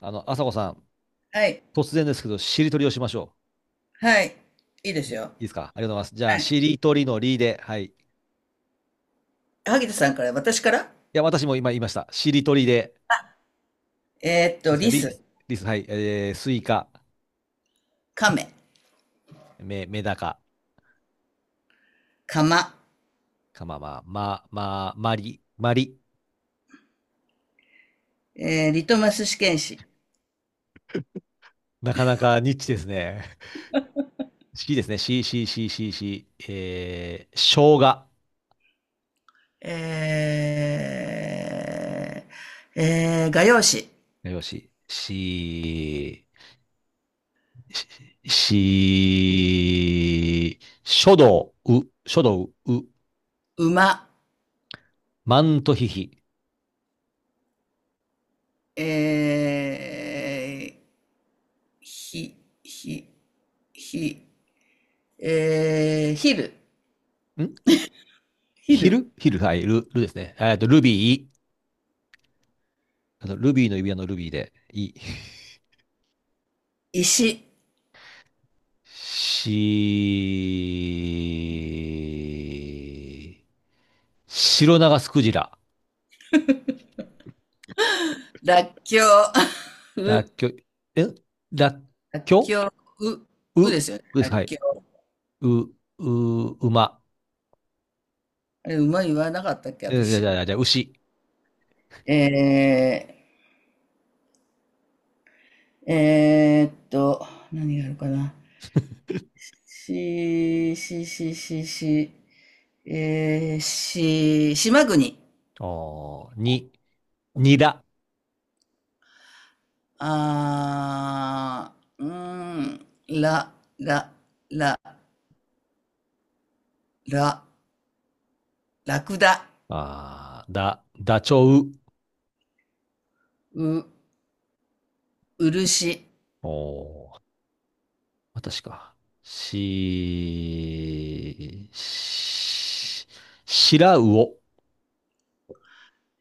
朝子さん、はい。突然ですけど、しりとりをしましょはい。いいですう。よ。いいですか？ありがとうございます。じゃあ、はい。しりとりのりで、はい。い萩田さんから、私からや、私も今言いました。しりとりで、ですか、リりです。ス、りです。はい。スイカ、カメ、メ、メダカ、カマ、カママ、ま、ま、マリ、マリ。リトマス試験紙、なかなかニッチですね。しですね。し、し、し、し、し、生姜。え画用紙、よし。し、し、し書道、う、書道、う、馬、マントヒヒ。えー、ひ、ひ、ひ、えー、ヒル、んヒヒル、ルヒル、はい、ル、ルですね。ルビー、あの、ルビーの指輪のルビーで、い、石、し、白長スクジラ、らっきょう、ラッう、キョえらっらっきょきょう、う、うでうすよね。でらすっか、はきい。ょう。う、う、馬、あれ、馬言わなかったっけ、じゃじゃ私。じゃじゃ牛、えー、えーっと、何があるかな。し、し、し、し、し、し、島国。おーに、にだ、あー、うーん、ら、ら、ら、ら、ラクダ、あーだ、ダチョウ、う、漆、おー私か。し、し、しらうお。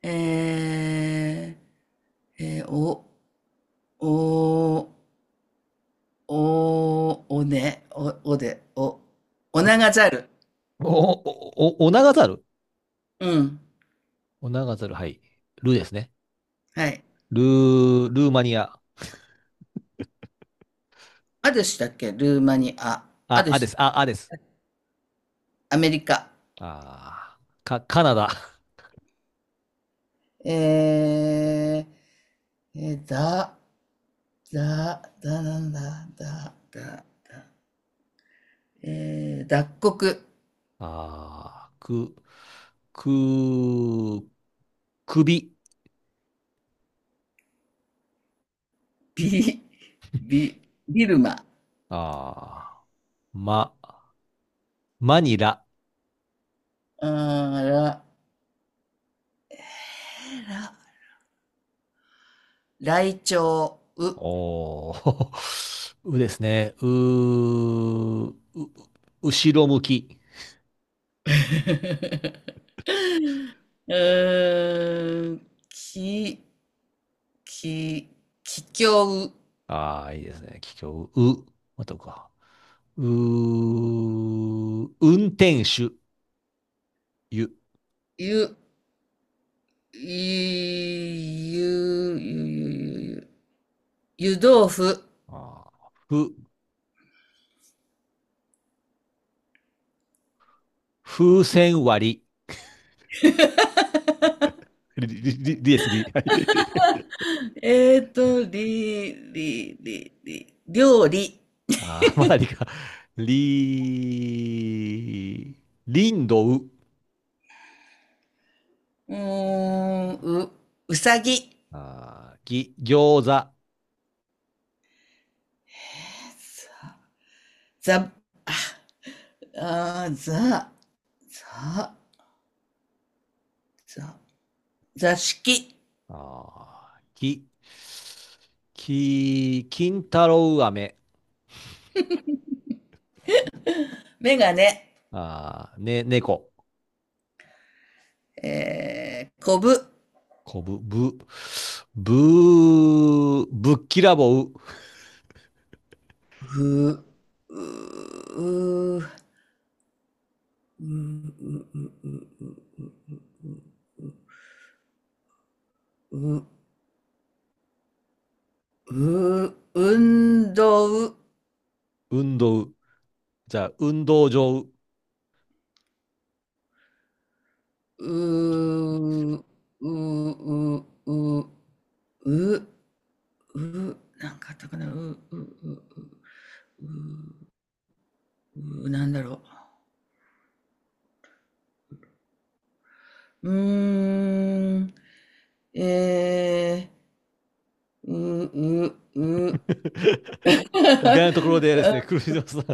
えお、お、お、おね、お、おで、お、おながざる。お、お、お、お長猿。うん、お長るはい。ルーですね。はい。ルー、ルーマニア。アデュシだっけルーマニア。アあ、デュあでシ、す。あ、あです。アメリカ。あー、か、カナダ。えだ、だ、だ、なんだ、だ、だ、だ、脱穀、あー、く、く、首。ビ、ビ、ビルマ、あー、ま、マニラ。あーら、ライチョウ、う、おー、うですね。う、う、後ろ向き。えき、き、ききょう、ああ、いいですね。桔梗、う、またうか。う、運転手、ゆ。ゆ、ゆ、ゆ、ゆ、ゆ、ゆ、湯豆腐、ああ、ふ、風船割り。り、り、り、りです、り。はい。り、り、り、り、料理。ああ、まだりか。り、りんどう。うーん、う、うさぎ。ああ、ぎ、餃子。あざ、あー、ざ、ざ、ざ、座敷。あ、き、き、金太郎飴。メガネ。ああ、ね、猫。こぶ。こぶ、ぶ、ぶ、ぶっきらぼう、う、う、う、う、う、運動。う、運動う、じゃあ、運動場う。う、う、う、う、う、なんかあったかな。う、う、う、う、う、なんだろう。うーん、えう、う、う、意外なとこ ろでですね、クルーズさん、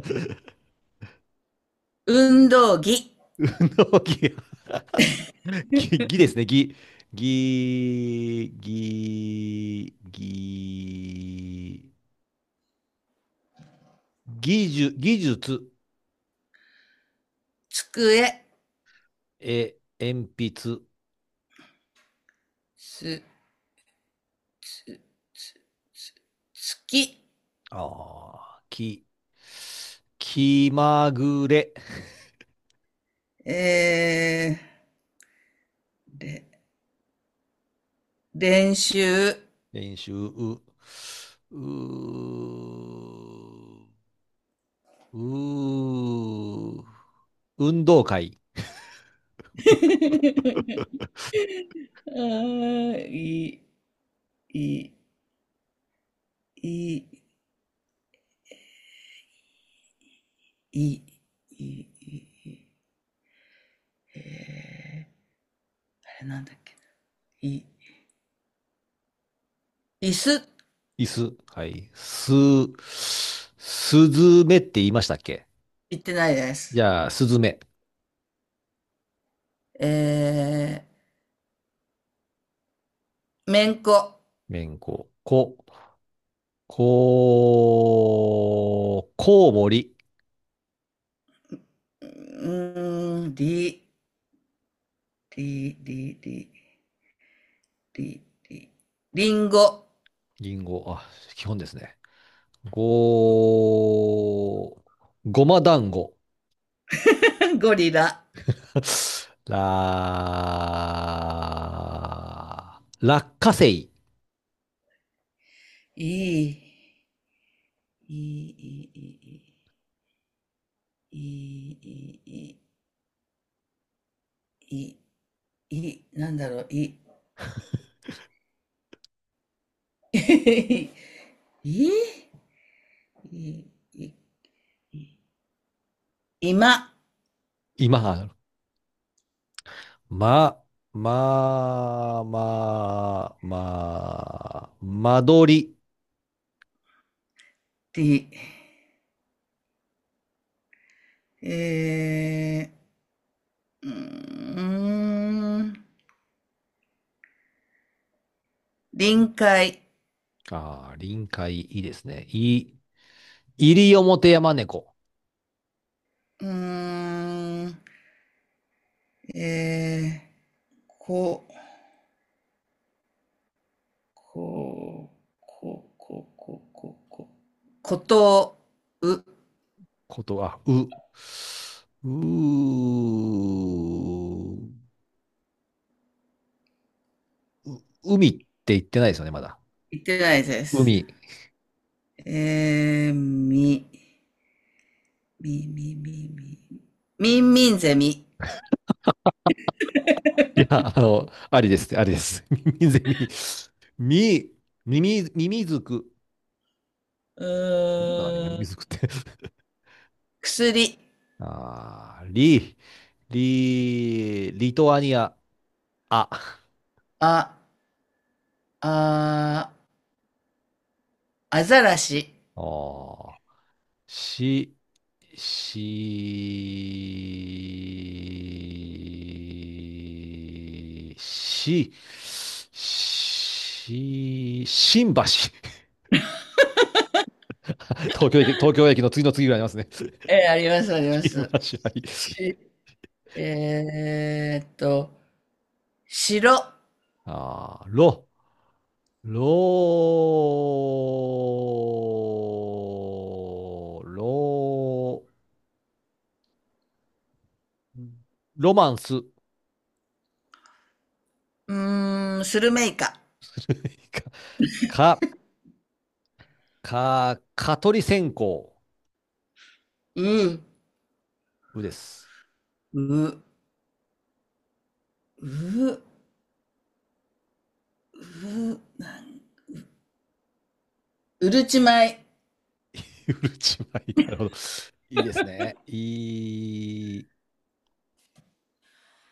運動着、運動ぎ、ぎ、ぎですね、ぎ、ぎ、ぎ、ぎ、技術、技術、机、え、鉛筆、つ、つ、つ、つ、月、あーき、気まぐれ、えれ、練習。練習、う、うー、うー、運動会、あー、い、い、い、い、い、い、い、えー、あれなんだっけな、い、椅子、椅子、はい、す、すずめって言いましたっけ？言ってないでじす。ゃあ、すずめ、えめんこ。めんこ、こ、こ、こうもり、うん、り、り、り、り、り、り、りんご、りんご、あ、基本ですね。ご、ごま団子、ゴリラ、ら、落花生、いい、いい、いい、いい、いい、いい、いい、なんだろう、いい、いい、いい、今、今、ま、まあ、まあ、まあ、間取り。り、えー、うーん、臨界、ああ、臨海、いいですね。い、西表山猫。うーん、えこう、こう、こう、こう、こう、こう、こう。ことう。こと、はう、う、う、海って言ってないですよね、まだ。言ってないです。海。み、み、み、み、み。みんみんゼミ。いや、ありですって、ありです。耳ゼミ。み、耳、耳づく。ういるんだな、今、ー耳ん。づくって。薬。ああ、り、リ、リトアニア。あ、あ、あ、アザラシ。ああしし、し、し、し、新橋。東京駅、東京駅の次の次ぐらいありますね。あります、あり ま新橋、す。はい。し、えーっと、白。ああ、ろ、ろ、ろ、ロマンス。うーん、スルメイカ。か、か、蚊取り線香う、う、うです。う、う、うるち米。うるち米。なるほど。いいですね。い